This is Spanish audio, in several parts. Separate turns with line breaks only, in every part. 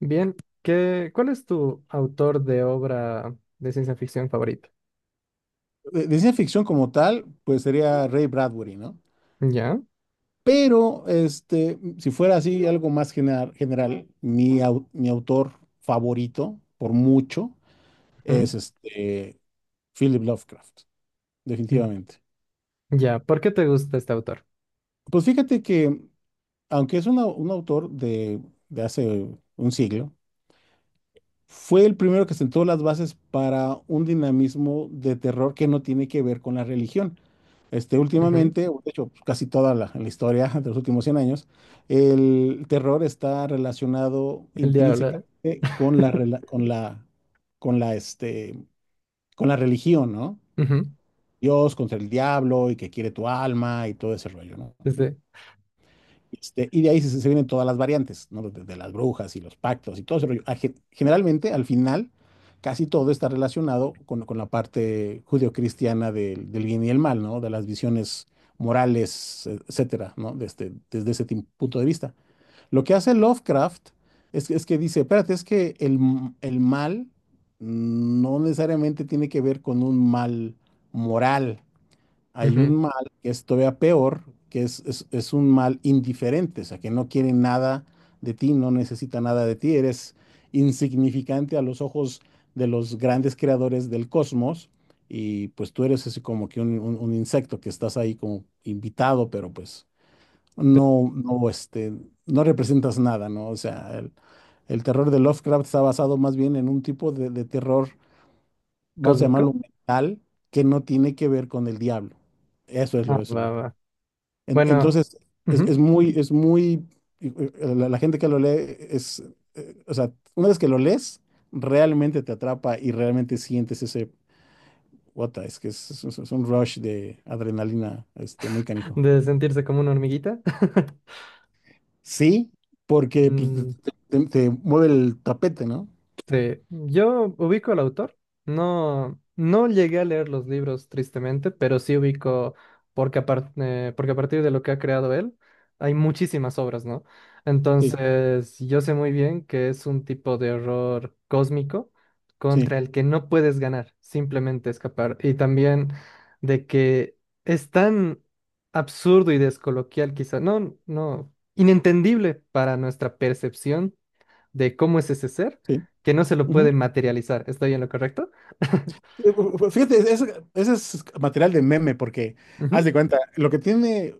Bien, ¿qué, cuál es tu autor de obra de ciencia ficción favorito?
De ciencia ficción como tal, pues sería Ray Bradbury, ¿no?
¿Ya?
Pero, si fuera así, algo más general, mi autor favorito, por mucho, es
Ujú.
Philip Lovecraft,
mm,
definitivamente.
¿Ya? ¿Por qué te gusta este autor?
Pues fíjate que, aunque es un autor de hace un siglo, fue el primero que sentó las bases para un dinamismo de terror que no tiene que ver con la religión.
Ujú.
Últimamente, o de hecho, pues, casi toda la historia de los últimos 100 años, el terror está relacionado
El diablo.
intrínsecamente con la, rela- con la, este, con la religión, ¿no?
ujú.
Dios contra el diablo y que quiere tu alma y todo ese rollo, ¿no?
Este.
Y de ahí se vienen todas las variantes, ¿no? De las brujas y los pactos y todo ese rollo. Generalmente, al final, casi todo está relacionado con la parte judio-cristiana del bien y el mal, ¿no? De las visiones morales, etcétera, ¿no? Desde ese punto de vista. Lo que hace Lovecraft es que dice, espérate, es que el mal no necesariamente tiene que ver con un mal moral. Hay un
Ujú.
mal que es todavía peor, que es un mal indiferente, o sea, que no quiere nada de ti, no necesita nada de ti, eres insignificante a los ojos de los grandes creadores del cosmos, y pues tú eres así como que un insecto que estás ahí como invitado, pero pues
Este,
no, no, este, no representas nada, ¿no? O sea, el terror de Lovecraft está basado más bien en un tipo de terror, vamos a
¿Cósmico?
llamarlo mental, que no tiene que ver con el diablo.
Ah,
Eso. Es
va,
lo-
va.
en-
Bueno,
entonces,
ujú,
es muy, la gente que lo lee es, o sea, una vez que lo lees, realmente te atrapa y realmente sientes ese, what es que es un rush de adrenalina, muy canijo.
de sentirse como una hormiguita.
Sí, porque pues,
Mm.
te mueve el tapete, ¿no?
Sí, yo ubico al autor. No, no llegué a leer los libros, tristemente, pero sí ubico, porque, porque a partir de lo que ha creado él, hay muchísimas obras, ¿no?
Sí,
Entonces, yo sé muy bien que es un tipo de horror cósmico
sí,
contra el que no puedes ganar, simplemente escapar. Y también de que es tan absurdo y descoloquial, quizá, no, no, inentendible para nuestra percepción de cómo es ese ser
sí.
que no se lo
Ujú.
puede materializar. ¿Estoy en lo correcto?
Fíjate, ese es material de meme porque, haz
Ujú.
de cuenta, lo que tiene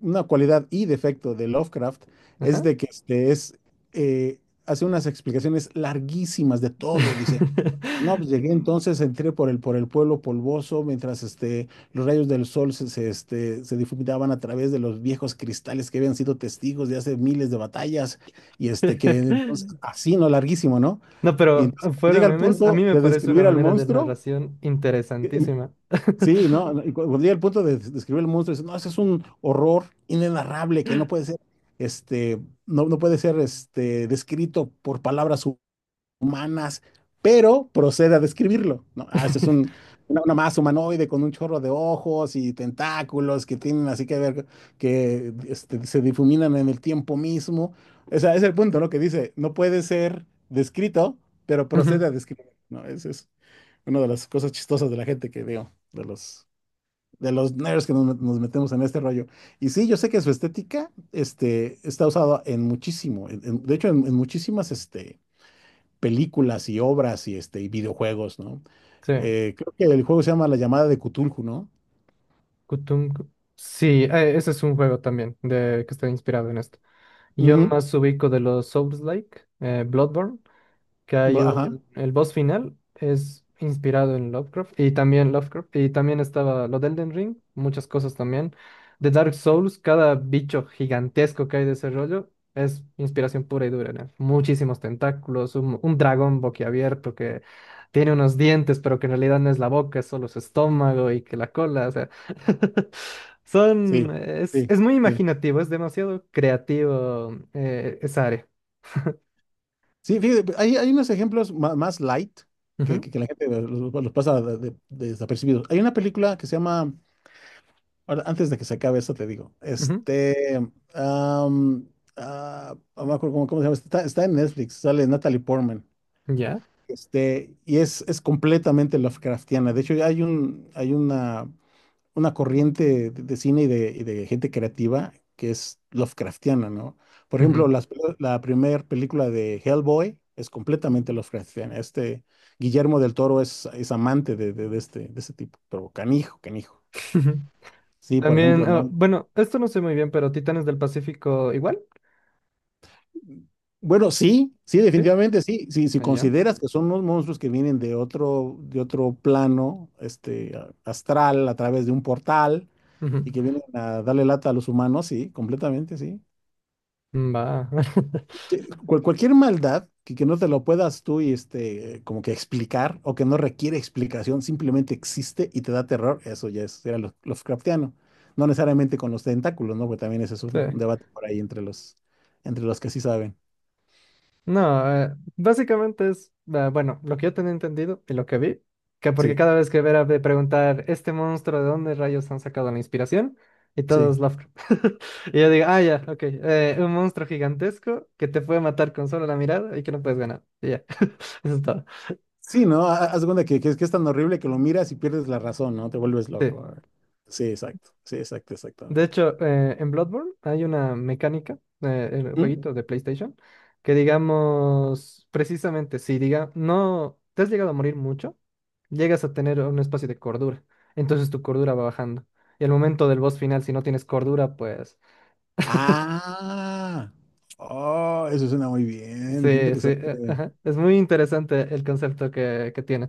una cualidad y defecto de Lovecraft es
Ajá.
de que este es, eh, hace unas explicaciones larguísimas de todo. Dice, no, pues llegué entonces, entré por por el pueblo polvoso mientras los rayos del sol se difuminaban a través de los viejos cristales que habían sido testigos de hace miles de batallas y que entonces, así, no, larguísimo, ¿no?
No,
Y
pero
entonces
fuera
llega al
memes, a mí
punto
me
de
parece una
describir al
manera de
monstruo.
narración interesantísima.
Sí, ¿no? Y cuando llega el punto de describir el monstruo, dice, no, ese es un horror inenarrable que no puede ser, este, no puede ser, descrito por palabras humanas, pero procede a describirlo, ¿no? Ah, este es una masa humanoide con un chorro de ojos y tentáculos que tienen así que ver, que se difuminan en el tiempo mismo. O sea, es el punto, ¿no? Que dice, no puede ser descrito, pero procede
Ujú.
a describir, ¿no? Esa es una de las cosas chistosas de la gente que veo, de los... De los nerds que nos metemos en este rollo. Y sí, yo sé que su estética está usada en muchísimo, de hecho, en muchísimas películas y obras y, y videojuegos, ¿no?
Sí.
Creo que el juego se llama La llamada de Cthulhu, ¿no?
Kutung- Sí, ese es un juego también de, que está inspirado en esto. Yo
Ujú,
más ubico de los Souls-like, Bloodborne, que hay
ajá,
un, el boss final es inspirado en Lovecraft y también estaba lo de Elden Ring, muchas cosas también. De Dark Souls, cada bicho gigantesco que hay de ese rollo es inspiración pura y dura, ¿no? Muchísimos tentáculos, un dragón boquiabierto que tiene unos dientes, pero que en realidad no es la boca, es solo su estómago y que la cola, o sea,
sí,
son, es,
sí,
es muy
sí.
imaginativo, es demasiado creativo, esa área.
Sí, fíjate, pues, hay unos ejemplos más, light que,
Ujú.
que la gente los pasa desapercibidos. Hay una película que se llama, ahora, antes de que se acabe esto te digo,
Ujú.
am, no me acuerdo cómo, cómo se llama, está, está en Netflix, sale Natalie Portman.
Ya.
Y es completamente Lovecraftiana. De hecho, hay un, hay una corriente de cine y de gente creativa que es Lovecraftiana, ¿no? Por ejemplo,
Ujú.
la primera película de Hellboy es completamente Lovecraftiana. Guillermo del Toro es amante de, de este tipo, pero canijo, canijo.
Ujú.
Sí, por
También,
ejemplo,
ah,
¿no?
bueno, esto no sé muy bien, pero Titanes del Pacífico igual.
Bueno, sí, sí,
¿Sí?
definitivamente sí. Sí, si
Allá.
consideras que son unos monstruos que vienen de otro plano, astral, a través de un portal
Ujú.
y que vienen a darle lata a los humanos, sí, completamente, sí.
Mm. Va.
Sí, cualquier maldad que no te lo puedas tú y como que explicar o que no requiere explicación, simplemente existe y te da terror, era Lovecraftiano. No necesariamente con los tentáculos, ¿no? Porque también ese es
Sí.
un debate por ahí entre los que sí saben.
No, básicamente es, ah, bueno, lo que yo tenía entendido y lo que vi, que porque
Sí,
cada vez que Vera de preguntar, ¿este monstruo de dónde rayos han sacado la inspiración? Y todos
sí.
Lovecraft. Y yo digo, ah, ya, ok, un monstruo gigantesco que te puede matar con solo la mirada y que no puedes ganar. Y ya, eso es todo.
Sí, ¿no? Haz de cuenta que, que es tan horrible que lo miras y pierdes la razón, ¿no? Te vuelves
Sí.
loco. Ah, sí, exacto. Sí, exacto,
De
exactamente.
hecho, en Bloodborne hay una mecánica, en el
¿Mm?
jueguito de PlayStation, que digamos, precisamente, si diga, no te has llegado a morir mucho, llegas a tener un espacio de cordura. Entonces tu cordura va bajando. Y al momento del boss final, si no tienes cordura, pues…
Ah, oh, eso suena muy bien. Qué
Sí, sí,
interesante.
ajá. Es muy interesante el concepto que tienen.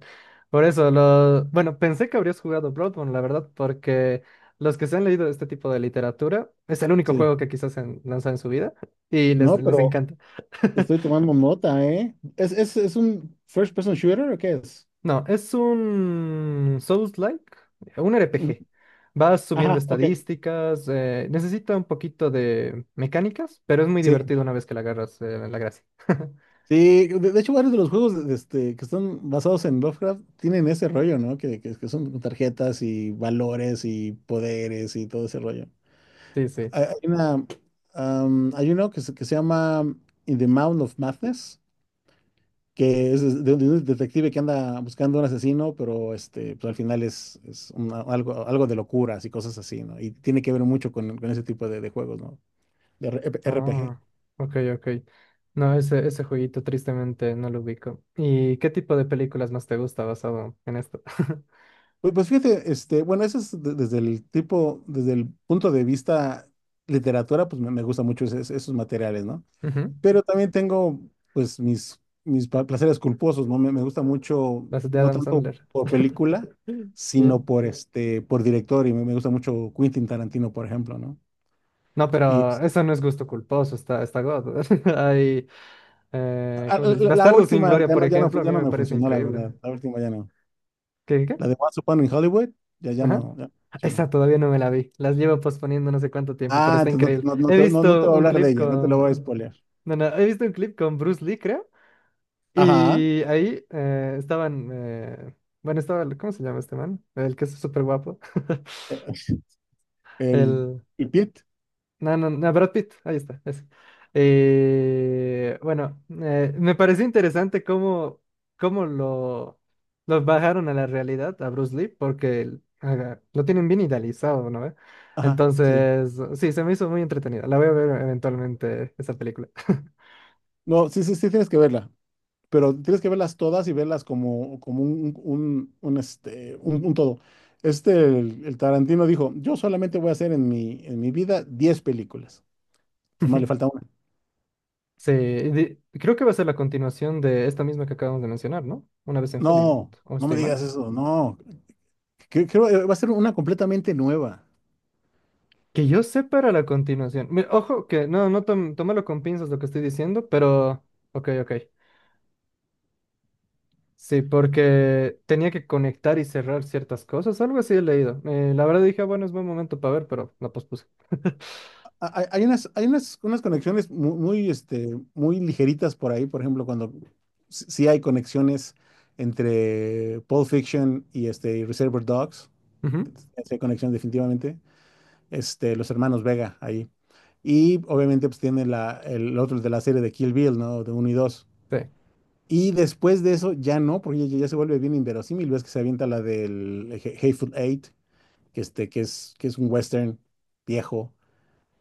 Por eso, lo… bueno, pensé que habrías jugado Bloodborne, la verdad, porque los que se han leído este tipo de literatura, es el único
Sí.
juego que quizás han lanzado en su vida y les,
No,
les
pero
encanta.
estoy tomando nota, ¿eh? ¿ es un first person shooter o qué es?
No, es un Souls-like, un
Ujú.
RPG. Vas subiendo
Ajá, ok.
estadísticas, necesita un poquito de mecánicas, pero es muy
Sí.
divertido una vez que la agarras, la gracia.
Sí, de hecho varios de los juegos que están basados en Lovecraft tienen ese rollo, ¿no? Que son tarjetas y valores y poderes y todo ese rollo.
Sí, sí.
Hay una, hay uno que que se llama In the Mound of Madness, que es de un detective que anda buscando un asesino, pero pues al final es algo de locuras y cosas así, ¿no? Y tiene que ver mucho con ese tipo de juegos, ¿no? De RPG.
Ah, ok, ok. No, ese jueguito tristemente no lo ubico. ¿Y qué tipo de películas más te gusta basado en esto?
Pues, pues fíjate, bueno, eso es desde el tipo, desde el punto de vista literatura, pues me gusta mucho esos materiales, ¿no?
Ujú.
Pero también tengo, pues, mis placeres culposos, ¿no? Me gusta mucho,
Las de
no
Adam
tanto
Sandler.
por película,
Yeah.
sino por por director, y me gusta mucho Quentin Tarantino, por ejemplo, ¿no?
No,
Y
pero
es-
eso no es gusto culposo, está, está God. Hay,
ah,
¿cómo se dice?
la, la-
Bastardo sin
última
Gloria,
ya
por
no, ya no,
ejemplo, a
ya
mí
no
me
me
parece
funcionó, la
increíble.
verdad. La última ya no.
¿Qué, qué?
La de Once Upon in Hollywood, ya, ya
Ajá.
no, ya no funcionó.
Esa todavía no me la vi. Las llevo posponiendo no sé cuánto tiempo, pero
Ah,
está
entonces
increíble. He
no te
visto
voy a
un
hablar de
clip
ella, no te lo voy a
con…
spoilear.
No, no, he visto un clip con Bruce Lee, creo.
Ajá.
Y ahí, estaban, bueno, estaba, el- ¿cómo se llama este man? El que es súper guapo.
Eh, El,
El,
el Pit.
no, no, no, Brad Pitt, ahí está, ese. Bueno, me pareció interesante cómo, cómo lo bajaron a la realidad a Bruce Lee, porque el- haga- lo tienen bien idealizado, ¿no? ¿Ve?
Ajá, sí.
Entonces, sí, se me hizo muy entretenida. La voy a ver eventualmente esa película.
No, sí, sí, sí, tienes que verla. Pero tienes que verlas todas y verlas como, como un todo. Este, el Tarantino dijo, yo solamente voy a hacer en en mi vida 10 películas. Tomás, le falta una.
Sí, de- creo que va a ser la continuación de esta misma que acabamos de mencionar, ¿no? Una vez en Hollywood,
No,
¿o
no me
estoy mal?
digas eso, no. Creo que va a ser una completamente nueva.
Que yo sepa era la continuación. Mira, ojo, que no, no tom- tómalo con pinzas lo que estoy diciendo, pero… Ok, ok. Sí, porque tenía que conectar y cerrar ciertas cosas, algo así he leído. La verdad dije, "Ah, bueno, es buen momento para ver", pero la pospuse.
Hay, unas conexiones muy, muy ligeritas por ahí, por ejemplo, cuando sí hay conexiones entre Pulp Fiction y Reservoir Dogs.
Ujú.
Sí hay conexión definitivamente. Los hermanos Vega ahí. Y obviamente pues tiene la, el otro de la serie de Kill Bill, ¿no? De uno y dos.
Sí.
Y después de eso ya no, porque ya, ya se vuelve bien inverosímil, ves que se avienta la del Hateful Eight, que, que es un western viejo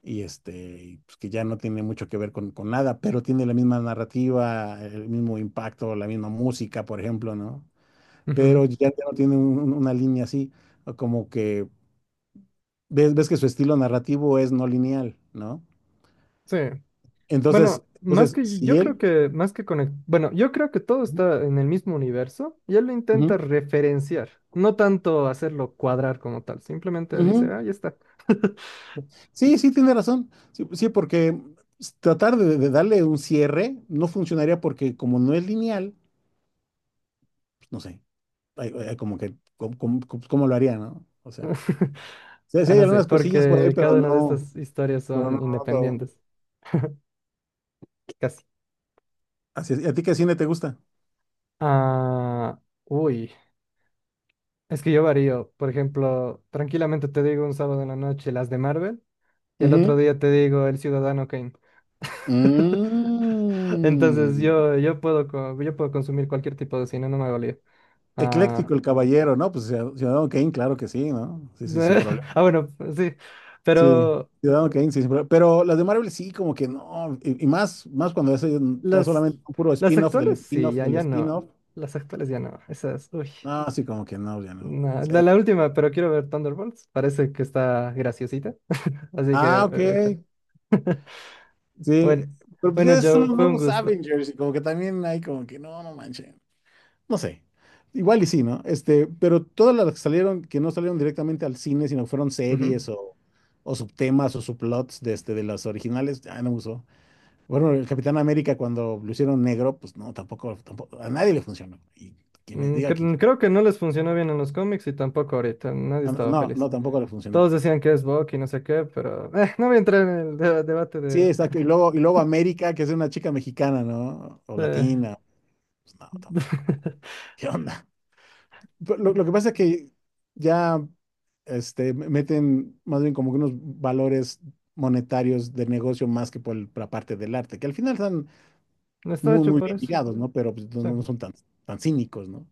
y pues, que ya no tiene mucho que ver con nada, pero tiene la misma narrativa, el mismo impacto, la misma música, por ejemplo, ¿no? Pero
Ujú.
ya, ya no tiene una línea así, como que ves, ves que su estilo narrativo es no lineal, ¿no?
Sí.
Entonces,
Bueno, más
entonces,
que
si
yo creo
él...
que más que conect- bueno, yo creo que todo está en el mismo universo y él lo intenta
Ujú,
referenciar, no tanto hacerlo cuadrar como tal, simplemente dice,
ujú.
ah, ya está.
Sí, sí, tiene razón. Sí, sí, porque tratar de darle un cierre no funcionaría porque como no es lineal, pues, no sé, hay como que, ¿cómo, cómo lo haría, no? O sea, sí, sí
Ah,
hay
no sé,
algunas cosillas por ahí,
porque cada una de estas historias
pero no,
son
no todo.
independientes, casi.
Así es. ¿Y a ti qué cine te gusta?
Ah, uy, es que yo varío, por ejemplo, tranquilamente te digo un sábado en la noche las de Marvel y al otro
Ujú.
día te digo El Ciudadano Kane. Entonces
Mm.
yo puedo, co- yo puedo consumir cualquier tipo de cine, no me hago lío. Ah,
Ecléctico el caballero, ¿no? Pues Ciudadano Kane, claro que sí, ¿no? Sí, sí, sí,
de- ah, bueno, pues, sí,
sí,
pero
Ciudadano Kane, sí, sí, pero las de Marvel sí, como que no, y más, más cuando es ya
las,
solamente un puro
las
spin-off del
actuales sí,
spin-off
ya,
del
ya no.
spin-off,
Las actuales ya no. Esas, uy.
no, sí, como que no, ya no. O
No, la última, pero quiero ver Thunderbolts. Parece que está graciosita. Así que,
ah, ok,
échale.
sí,
Bueno,
pero pues
bueno,
ya son
Joe,
los
fue un
nuevos
gusto.
Avengers y como que también hay como que no, no manchen, no sé, igual y sí, ¿no? Pero todas las que salieron, que no salieron directamente al cine, sino que fueron
Ujú.
series o subtemas o subplots de, de las originales, ya no me gustó. Bueno, el Capitán América cuando lo hicieron negro, pues no, tampoco, tampoco, a nadie le funcionó. Y que me diga quién.
Creo que no les funcionó bien en los cómics y tampoco ahorita. Nadie
Ah, no,
estaba
no,
feliz.
no, tampoco le funcionó.
Todos decían que es Bucky y no sé qué, pero no voy a entrar en el debate
Sí,
de…
exacto. Y luego América, que es una chica mexicana, ¿no? O
de…
latina. Pues no, tampoco. ¿Qué onda? Pero lo que pasa es que ya meten más bien como que unos valores monetarios de negocio más que por por la parte del arte, que al final están
No está
muy,
hecho
muy
para
bien
eso.
ligados, ¿no? Pero pues, no,
Sí.
no son tan, tan cínicos, ¿no?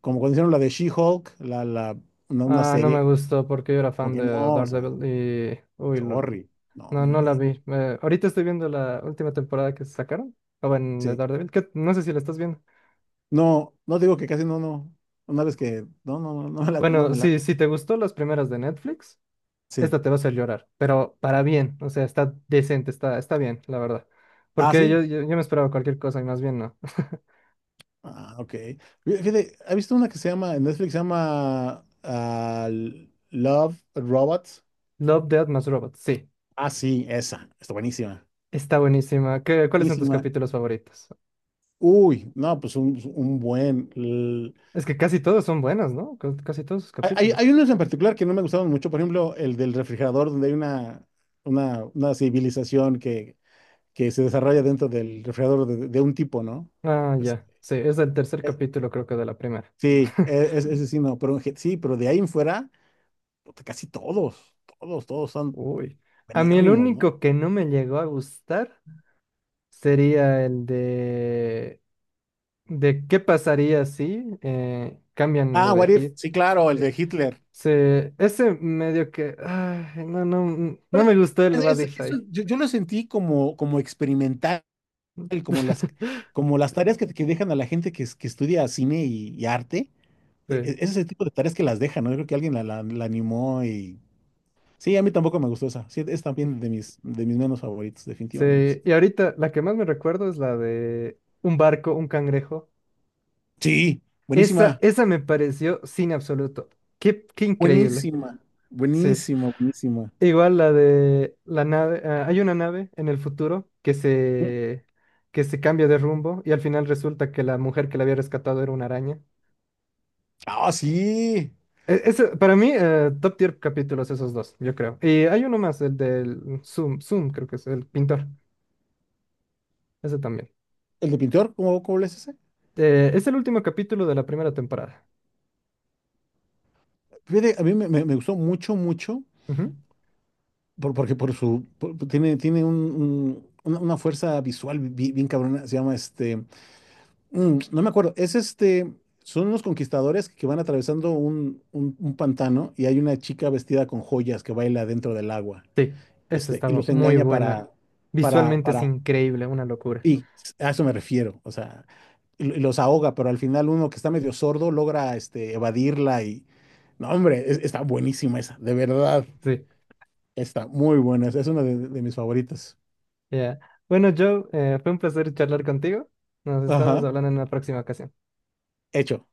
Como cuando hicieron la de She-Hulk, una
Ah, no
serie,
me gustó porque yo era
como
fan
que
de
no, o sea,
Daredevil y… Uy, lo-
sorry, no,
no,
no
no la
inventes.
vi. Ahorita estoy viendo la última temporada que sacaron. O bueno, de
Sí,
Daredevil, que no sé si la estás viendo.
no, no digo que casi no, no, una vez que, no, no, no, no me late, no
Bueno,
me
sí,
late.
si te gustó las primeras de Netflix,
Sí,
esta te va a hacer llorar, pero para bien. O sea, está decente, está, está bien, la verdad.
ah,
Porque yo,
sí,
yo, yo me esperaba cualquier cosa y más bien no.
ah, ok. Fíjate, ¿has visto una que se llama, en Netflix se llama Love Robots?
Love, Death más Robots, sí.
Ah, sí, esa, está buenísima,
Está buenísima. ¿Qué, cuáles son tus
buenísima.
capítulos favoritos?
Uy, no, pues un buen.
Es que casi todos son buenos, ¿no? Ca- Casi todos sus
Hay,
capítulos.
hay unos en particular que no me gustaron mucho, por ejemplo, el del refrigerador, donde hay una civilización que se desarrolla dentro del refrigerador de un tipo, ¿no?
Ah,
Es-
ya. Sí, es el tercer
es-
capítulo, creo que de la primera.
ese sí, no, pero sí, pero de ahí en fuera, puta, casi todos, todos, todos son
Uy. A mí el
penérrimos, ¿no?
único que no me llegó a gustar sería el de… de qué pasaría si, cambian lo
Ah,
de
What If,
Hit.
sí, claro, el
Se,
de Hitler.
se- ese medio que… ay, no, no, mm, no
Pues,
me gustó el
eso
Badify.
yo lo sentí como, como experimental, como como las tareas que dejan a la gente que, que estudia cine y arte.
Sí,
Ese tipo de tareas que las dejan, ¿no? Yo creo que alguien la animó y... Sí, a mí tampoco me gustó esa. Sí, es también de mis menos favoritos, definitivamente.
sí. Y ahorita la que más me recuerdo es la de un barco, un cangrejo.
Sí,
Esa,
buenísima.
esa me pareció sin absoluto. Qué, qué increíble.
Buenísima.
Sí.
Buenísima, buenísima.
Igual la de la nave, ah, hay una nave en el futuro
Mm.
que se cambia de rumbo y al final resulta que la mujer que la había rescatado era una araña.
Ah, sí.
E- Eso, para mí, top tier capítulos esos dos, yo creo. Y hay uno más, el del Zoom, Zoom creo que es el pintor, ese también.
El de pintor, ¿cómo, cómo le es ese?
Es el último capítulo de la primera temporada.
Fíjate, a mí me gustó mucho, mucho,
Ujú.
porque por su... tiene una una fuerza visual bien, cabrona. Se llama este... Mm, no me acuerdo. Es este. Son unos conquistadores que van atravesando un pantano y hay una chica vestida con joyas que baila dentro del agua.
Sí, esa
Y
estaba
los
muy
engaña
buena. Visualmente es
para.
increíble, una locura.
Y a eso me refiero. O sea, y los ahoga, pero al final uno que está medio sordo logra evadirla y. No, hombre, está buenísima esa, de verdad.
Sí,
Está muy buena. Esa es una de mis favoritas.
ya. Bueno, Joe, fue un placer charlar contigo. Nos estamos
Ajá.
hablando en una próxima ocasión.
Hecho.